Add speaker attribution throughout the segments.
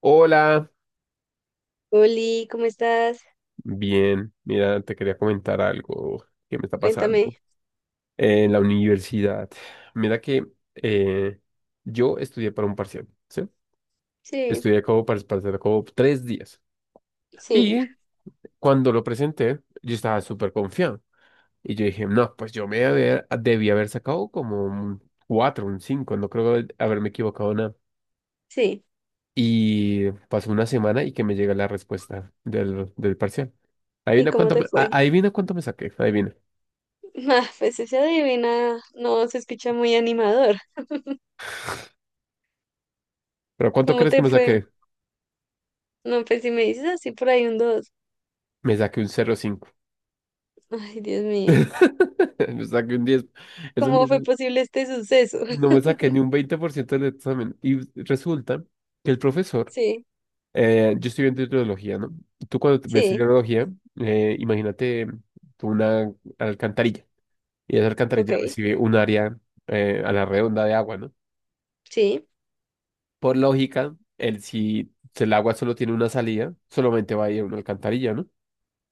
Speaker 1: Hola,
Speaker 2: Oli, ¿cómo estás?
Speaker 1: bien, mira, te quería comentar algo que me está
Speaker 2: Cuéntame.
Speaker 1: pasando en la universidad. Mira que eh, yo estudié para un parcial, ¿sí?
Speaker 2: Sí,
Speaker 1: Estudié como para el parcial como 3 días.
Speaker 2: sí,
Speaker 1: Y cuando lo presenté, yo estaba súper confiado. Y yo dije, no, pues yo me debí haber sacado como un cuatro, un cinco, no creo haberme equivocado nada.
Speaker 2: sí.
Speaker 1: Y pasó una semana y que me llega la respuesta del parcial.
Speaker 2: ¿Y
Speaker 1: Adivina
Speaker 2: cómo
Speaker 1: cuánto,
Speaker 2: te fue?
Speaker 1: adivina cuánto me saqué, adivina.
Speaker 2: Ah, pues esa adivina no se escucha muy animador.
Speaker 1: ¿Pero cuánto
Speaker 2: ¿Cómo
Speaker 1: crees que
Speaker 2: te
Speaker 1: me
Speaker 2: fue?
Speaker 1: saqué?
Speaker 2: No, pues si me dices así por ahí un dos.
Speaker 1: Me saqué un 0,5.
Speaker 2: Ay, Dios mío.
Speaker 1: Me saqué un 10. Es un
Speaker 2: ¿Cómo fue
Speaker 1: 10.
Speaker 2: posible este suceso?
Speaker 1: No me saqué ni un 20% del examen. Y resulta que el profesor,
Speaker 2: Sí,
Speaker 1: yo estoy viendo hidrología, ¿no? Tú cuando ves
Speaker 2: sí,
Speaker 1: hidrología, imagínate tú una alcantarilla. Y esa
Speaker 2: ok.
Speaker 1: alcantarilla recibe un área a la redonda de agua, ¿no?
Speaker 2: Sí,
Speaker 1: Por lógica, el, si si el agua solo tiene una salida, solamente va a ir a una alcantarilla, ¿no?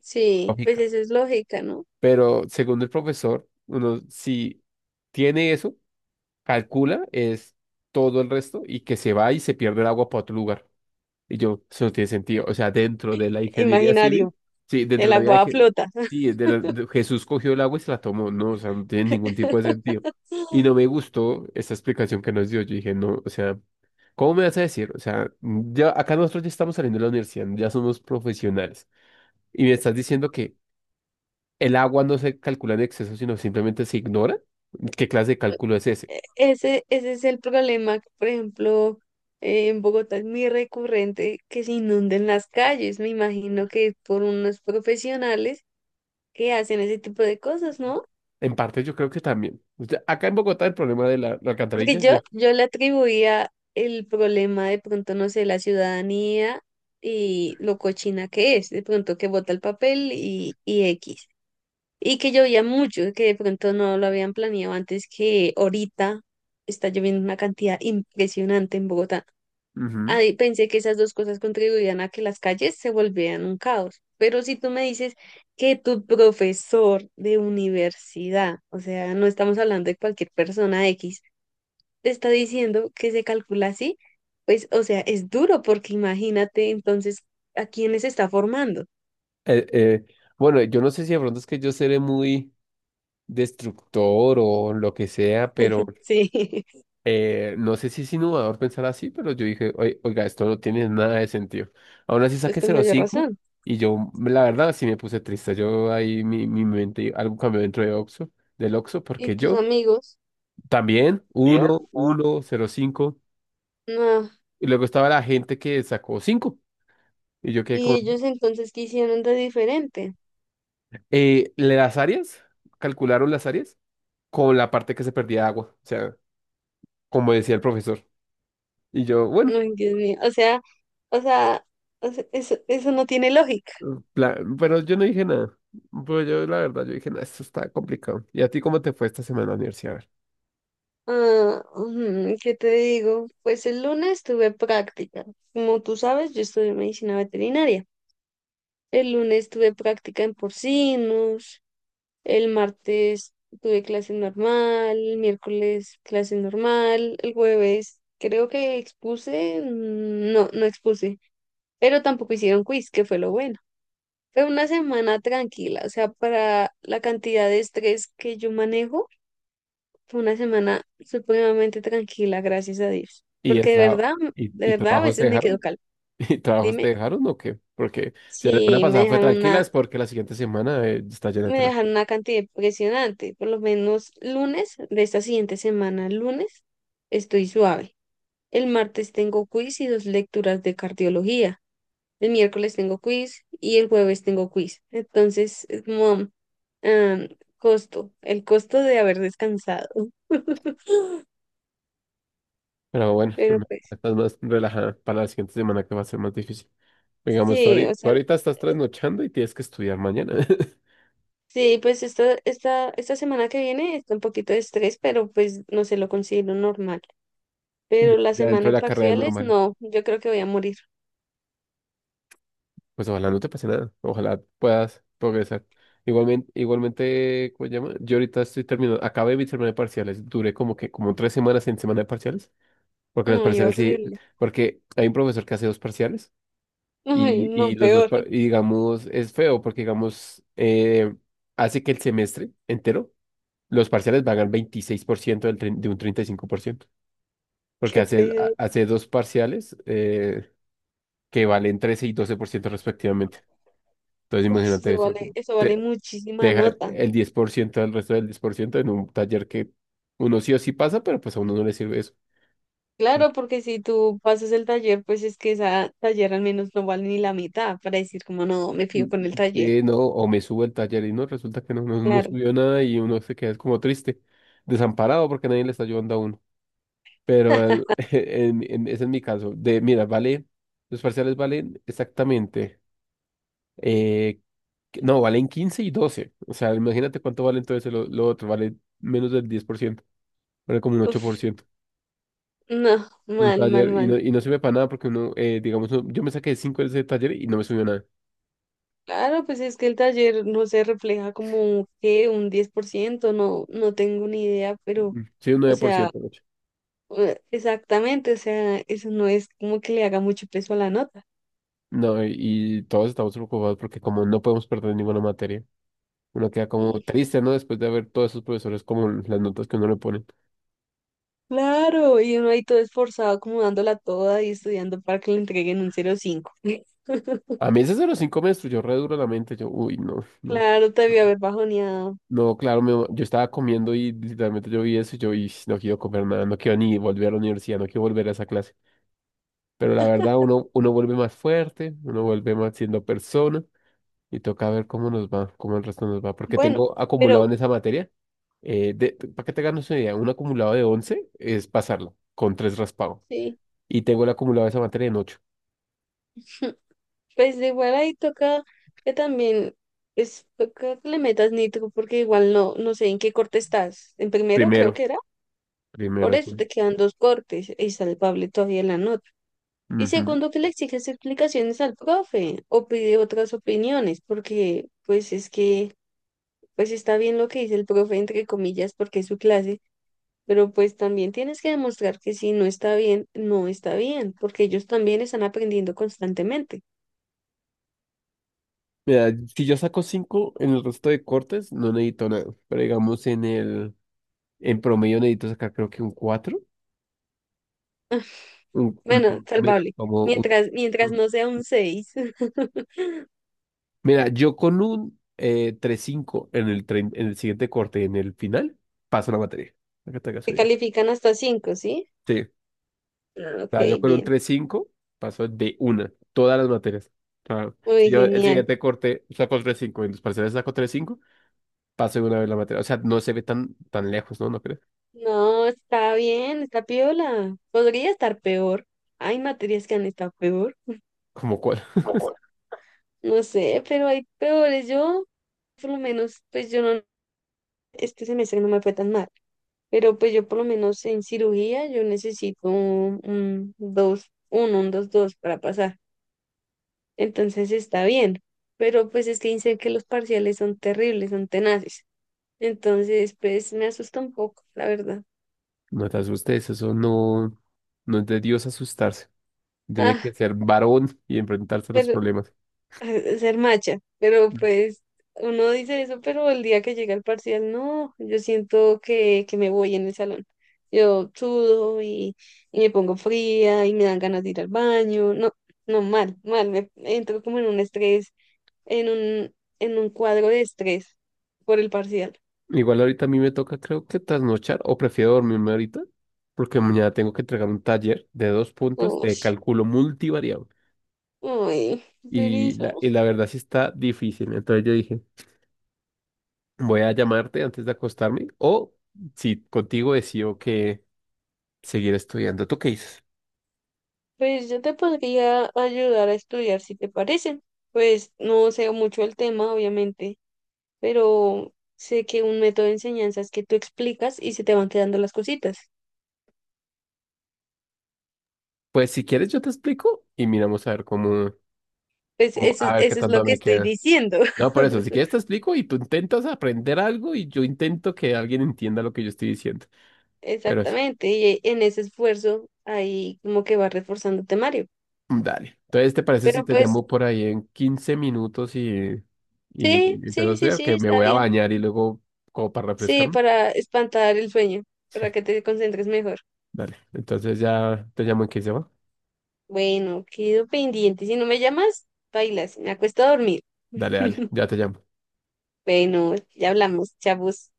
Speaker 2: sí, pues
Speaker 1: Lógica.
Speaker 2: eso es lógica, ¿no?
Speaker 1: Pero según el profesor, uno si tiene eso, calcula, es todo el resto y que se va y se pierde el agua para otro lugar. Y yo, eso no tiene sentido. O sea, dentro de la ingeniería civil,
Speaker 2: Imaginario.
Speaker 1: sí, dentro
Speaker 2: El
Speaker 1: de la vida de,
Speaker 2: agua flota.
Speaker 1: Sí, Jesús cogió el agua y se la tomó. No, o sea, no tiene ningún tipo de sentido. Y no me gustó esa explicación que nos dio. Yo dije, no, o sea, ¿cómo me vas a decir? O sea, ya acá nosotros ya estamos saliendo de la universidad, ya somos profesionales. Y me estás diciendo que el agua no se calcula en exceso, sino simplemente se ignora. ¿Qué clase de cálculo es ese?
Speaker 2: Ese es el problema, que, por ejemplo, en Bogotá es muy recurrente que se inunden las calles. Me imagino que es por unos profesionales que hacen ese tipo de cosas, ¿no?
Speaker 1: En parte yo creo que también. O sea, acá en Bogotá el problema de la
Speaker 2: Porque
Speaker 1: alcantarilla.
Speaker 2: yo, yo le atribuía el problema de pronto, no sé, la ciudadanía y lo cochina que es, de pronto que bota el papel y X. Y que llovía mucho, que de pronto no lo habían planeado antes que ahorita está lloviendo una cantidad impresionante en Bogotá.
Speaker 1: Ujú.
Speaker 2: Ahí pensé que esas dos cosas contribuían a que las calles se volvieran un caos. Pero si tú me dices que tu profesor de universidad, o sea, no estamos hablando de cualquier persona X, te está diciendo que se calcula así, pues, o sea, es duro porque imagínate entonces a quiénes está formando.
Speaker 1: Eh, eh, bueno, yo no sé si de pronto es que yo seré muy destructor o lo que sea, pero
Speaker 2: Sí,
Speaker 1: no sé si es innovador pensar así, pero yo dije: Oiga, esto no tiene nada de sentido". Aún así
Speaker 2: es
Speaker 1: saqué
Speaker 2: con
Speaker 1: cero coma
Speaker 2: mayor
Speaker 1: cinco
Speaker 2: razón.
Speaker 1: y yo, la verdad, sí me puse triste. Yo ahí mi mente, algo cambió del Oxxo,
Speaker 2: ¿Y
Speaker 1: porque
Speaker 2: tus
Speaker 1: yo...
Speaker 2: amigos?
Speaker 1: También,
Speaker 2: Bien,
Speaker 1: uno
Speaker 2: un-
Speaker 1: uno cero cinco.
Speaker 2: no.
Speaker 1: Y luego estaba la gente que sacó cinco. Y yo quedé
Speaker 2: ¿Y
Speaker 1: como,
Speaker 2: ellos entonces qué hicieron de diferente?
Speaker 1: eh, las áreas, calcularon las áreas con la parte que se perdía de agua. O sea, como decía el profesor. Y yo,
Speaker 2: No,
Speaker 1: bueno,
Speaker 2: ay, Dios mío, o sea, o sea, o sea, eso no tiene lógica.
Speaker 1: pero yo no dije nada. Pues yo, la verdad, yo dije, nada, esto está complicado. ¿Y a ti cómo te fue esta semana en la universidad? A ver.
Speaker 2: Ah, ujú, ¿qué te digo? Pues el lunes tuve práctica. Como tú sabes, yo estudié medicina veterinaria. El lunes tuve práctica en porcinos, el martes tuve clase normal, el miércoles clase normal, el jueves creo que expuse. No, no expuse, pero tampoco hicieron quiz, que fue lo bueno. Fue una semana tranquila, o sea, para la cantidad de estrés que yo manejo, fue una semana supremamente tranquila, gracias a Dios.
Speaker 1: ¿Y, el
Speaker 2: Porque
Speaker 1: trabajo y,
Speaker 2: de
Speaker 1: y
Speaker 2: verdad, a
Speaker 1: trabajos te
Speaker 2: veces me quedo
Speaker 1: dejaron?
Speaker 2: calma.
Speaker 1: ¿Y trabajos
Speaker 2: Dime
Speaker 1: te dejaron o qué? Porque si la semana
Speaker 2: si
Speaker 1: pasada fue tranquila, es porque la siguiente semana está llena de
Speaker 2: me
Speaker 1: trabajo.
Speaker 2: dejaron una cantidad impresionante. Por lo menos lunes de esta siguiente semana, lunes, estoy suave. El martes tengo quiz y dos lecturas de cardiología. El miércoles tengo quiz y el jueves tengo quiz. Entonces, es como am, costo, el costo de haber descansado.
Speaker 1: Pero bueno,
Speaker 2: Pero pues,
Speaker 1: estás más relajada para la siguiente semana que va a ser más difícil. Digamos, tú
Speaker 2: sí,
Speaker 1: ahorita,
Speaker 2: o
Speaker 1: tú
Speaker 2: sea,
Speaker 1: ahorita estás trasnochando y tienes que estudiar mañana.
Speaker 2: sí, pues esta semana que viene está un poquito de estrés, pero pues no se lo considero normal. Pero
Speaker 1: Ya,
Speaker 2: la
Speaker 1: ya dentro
Speaker 2: semana
Speaker 1: de
Speaker 2: de
Speaker 1: la carrera es
Speaker 2: parciales,
Speaker 1: normal.
Speaker 2: no, yo creo que voy a morir.
Speaker 1: Pues ojalá no te pase nada. Ojalá puedas progresar. Igualmente, igualmente, ¿cómo se llama? Yo ahorita estoy terminando, acabé mi semana de parciales. Duré como que como 3 semanas en semana de parciales. Porque los
Speaker 2: Ay,
Speaker 1: parciales sí,
Speaker 2: horrible.
Speaker 1: porque hay un profesor que hace dos parciales
Speaker 2: Ay,
Speaker 1: y,
Speaker 2: no,
Speaker 1: y los dos,
Speaker 2: peor.
Speaker 1: par- y digamos, es feo porque digamos, hace que el semestre entero los parciales pagan 26% de un 35%, porque
Speaker 2: Qué
Speaker 1: hace, ha-
Speaker 2: pedo.
Speaker 1: hace dos parciales que valen 13% y 12% respectivamente. Entonces
Speaker 2: Uy,
Speaker 1: imagínate
Speaker 2: eso
Speaker 1: eso,
Speaker 2: vale, eso
Speaker 1: te,
Speaker 2: vale
Speaker 1: te
Speaker 2: muchísima
Speaker 1: deja
Speaker 2: nota.
Speaker 1: el 10% del resto del 10% en un taller que uno sí o sí pasa, pero pues a uno no le sirve eso.
Speaker 2: Claro, porque si tú pasas el taller, pues es que esa taller al menos no vale ni la mitad para decir como no, me
Speaker 1: Mm,
Speaker 2: fío con el taller.
Speaker 1: sí, no, o me subo el taller y no, resulta que no, no
Speaker 2: Claro.
Speaker 1: subió nada y uno se queda como triste, desamparado porque nadie le está ayudando a uno. Pero ese es mi caso, de mira, vale, los parciales valen exactamente. Eh, no, valen 15 y 12. O sea, imagínate cuánto vale entonces lo otro. Vale menos del 10%. Vale como un ocho por
Speaker 2: Uf,
Speaker 1: ciento
Speaker 2: no,
Speaker 1: Un
Speaker 2: mal, mal,
Speaker 1: taller y
Speaker 2: mal.
Speaker 1: no, y no sirve para nada porque uno, digamos, yo me saqué 5 de ese taller y no me subió nada.
Speaker 2: Claro, pues es que el taller no se refleja como que un 10%, no, no tengo ni idea, pero,
Speaker 1: Mm, sí, un
Speaker 2: o sea,
Speaker 1: 9%, de hecho.
Speaker 2: exactamente, o sea, eso no es como que le haga mucho peso a la nota.
Speaker 1: No, y todos estamos preocupados porque como no podemos perder ninguna materia, uno queda como
Speaker 2: Mm,
Speaker 1: triste, ¿no? Después de ver todos esos profesores como las notas que uno le pone.
Speaker 2: claro, y uno ahí todo esforzado, como dándola toda y estudiando para que le entreguen un 0,5.
Speaker 1: A mí ese 0,5 me destruyó re duro la mente. Yo, uy, no, no.
Speaker 2: Claro, te debió
Speaker 1: No,
Speaker 2: haber bajoneado.
Speaker 1: no, claro, yo estaba comiendo y literalmente yo vi eso y yo y no quiero comer nada, no quiero ni volver a la universidad, no quiero volver a esa clase. Pero la verdad, uno vuelve más fuerte, uno vuelve más siendo persona y toca ver cómo nos va, cómo el resto nos va. Porque
Speaker 2: Bueno,
Speaker 1: tengo acumulado
Speaker 2: pero
Speaker 1: en esa materia, para que te hagas una idea, un acumulado de 11 es pasarlo con tres raspado.
Speaker 2: sí,
Speaker 1: Y tengo el acumulado de esa materia en 8.
Speaker 2: pues de igual ahí toca que también, es toca que le metas nitro, porque igual no, no sé en qué corte estás. En primero creo
Speaker 1: Primero,
Speaker 2: que era, por
Speaker 1: primero.
Speaker 2: eso
Speaker 1: Bueno.
Speaker 2: te quedan dos cortes y salvable todavía en la nota. Y
Speaker 1: Ujú.
Speaker 2: segundo, que le exiges explicaciones al profe o pide otras opiniones, porque pues es que, pues está bien lo que dice el profe, entre comillas, porque es su clase. Pero pues también tienes que demostrar que si no está bien, no está bien, porque ellos también están aprendiendo constantemente.
Speaker 1: Mira, si yo saco 5 en el resto de cortes, no necesito nada. Pero digamos en el, en promedio necesito sacar creo que un cuatro,
Speaker 2: Bueno,
Speaker 1: menos,
Speaker 2: salvable.
Speaker 1: como
Speaker 2: Mientras, mientras
Speaker 1: un-
Speaker 2: no sea un 6.
Speaker 1: Mira, yo con un 3,5 en el siguiente corte, en el final, paso la materia. Para que te hagas
Speaker 2: Se
Speaker 1: una idea.
Speaker 2: califican hasta 5, ¿sí?
Speaker 1: Sí, o
Speaker 2: Ah, ok,
Speaker 1: sea, yo con un
Speaker 2: bien.
Speaker 1: 3,5 paso de una, todas las materias. O si
Speaker 2: Uy,
Speaker 1: yo el
Speaker 2: genial.
Speaker 1: siguiente corte saco 3,5 en los parciales, saco 3,5, paso de una vez la materia. O sea, no se ve tan, tan lejos, ¿no? ¿No crees?
Speaker 2: No, está bien, está piola. Podría estar peor. Hay materias que han estado peor.
Speaker 1: ¿Como cuál?
Speaker 2: No sé, pero hay peores. Yo, por lo menos, pues yo no, este semestre no me fue tan mal. Pero pues yo por lo menos en cirugía yo necesito 1, 2 para pasar. Entonces está bien, pero pues es que dicen que los parciales son terribles, son tenaces. Entonces, pues me asusta un poco, la verdad.
Speaker 1: No te asustes, eso no, no es de Dios asustarse. Tenía que
Speaker 2: Ah,
Speaker 1: ser varón y enfrentarse a los
Speaker 2: pero
Speaker 1: problemas.
Speaker 2: ser macha, pero pues uno dice eso, pero el día que llega el parcial, no, yo siento que me voy en el salón. Yo sudo y me pongo fría y me dan ganas de ir al baño. No, no, mal, mal, me entro como en un estrés, en un, en un cuadro de estrés por el parcial.
Speaker 1: Igual ahorita a mí me toca, creo que trasnochar, o prefiero dormirme ahorita, porque mañana tengo que entregar un taller de dos puntos de
Speaker 2: Ush.
Speaker 1: cálculo multivariable.
Speaker 2: Ay, pero
Speaker 1: Y la verdad sí está difícil. Entonces yo dije, voy a llamarte antes de acostarme, o si contigo decido que seguir estudiando. ¿Tú qué dices?
Speaker 2: pues yo te podría ayudar a estudiar si te parece. Pues no sé mucho el tema, obviamente, pero sé que un método de enseñanza es que tú explicas y se te van quedando las cositas.
Speaker 1: Pues si quieres yo te explico y miramos a ver
Speaker 2: Pues eso,
Speaker 1: a ver qué
Speaker 2: eso es lo
Speaker 1: tanto
Speaker 2: que
Speaker 1: me
Speaker 2: estoy
Speaker 1: queda.
Speaker 2: diciendo.
Speaker 1: No, por eso, si quieres te explico y tú intentas aprender algo y yo intento que alguien entienda lo que yo estoy diciendo. Pero sí,
Speaker 2: Exactamente, y en ese esfuerzo ahí como que va reforzando el temario.
Speaker 1: dale. Entonces, ¿te parece si
Speaker 2: Pero
Speaker 1: te
Speaker 2: pues
Speaker 1: llamo por ahí en 15 minutos y
Speaker 2: sí,
Speaker 1: empiezo a
Speaker 2: sí, sí,
Speaker 1: estudiar?
Speaker 2: sí,
Speaker 1: Que me
Speaker 2: está
Speaker 1: voy a
Speaker 2: bien.
Speaker 1: bañar y luego como para
Speaker 2: Sí,
Speaker 1: refrescarme.
Speaker 2: para espantar el sueño, para que te concentres mejor.
Speaker 1: Dale. Entonces ya te llamo en 15, ¿va?
Speaker 2: Bueno, quedo pendiente. Si no me llamas, bailas. Me acuesto a dormir.
Speaker 1: Dale, dale, ya te llamo.
Speaker 2: Bueno, ya hablamos, chavos.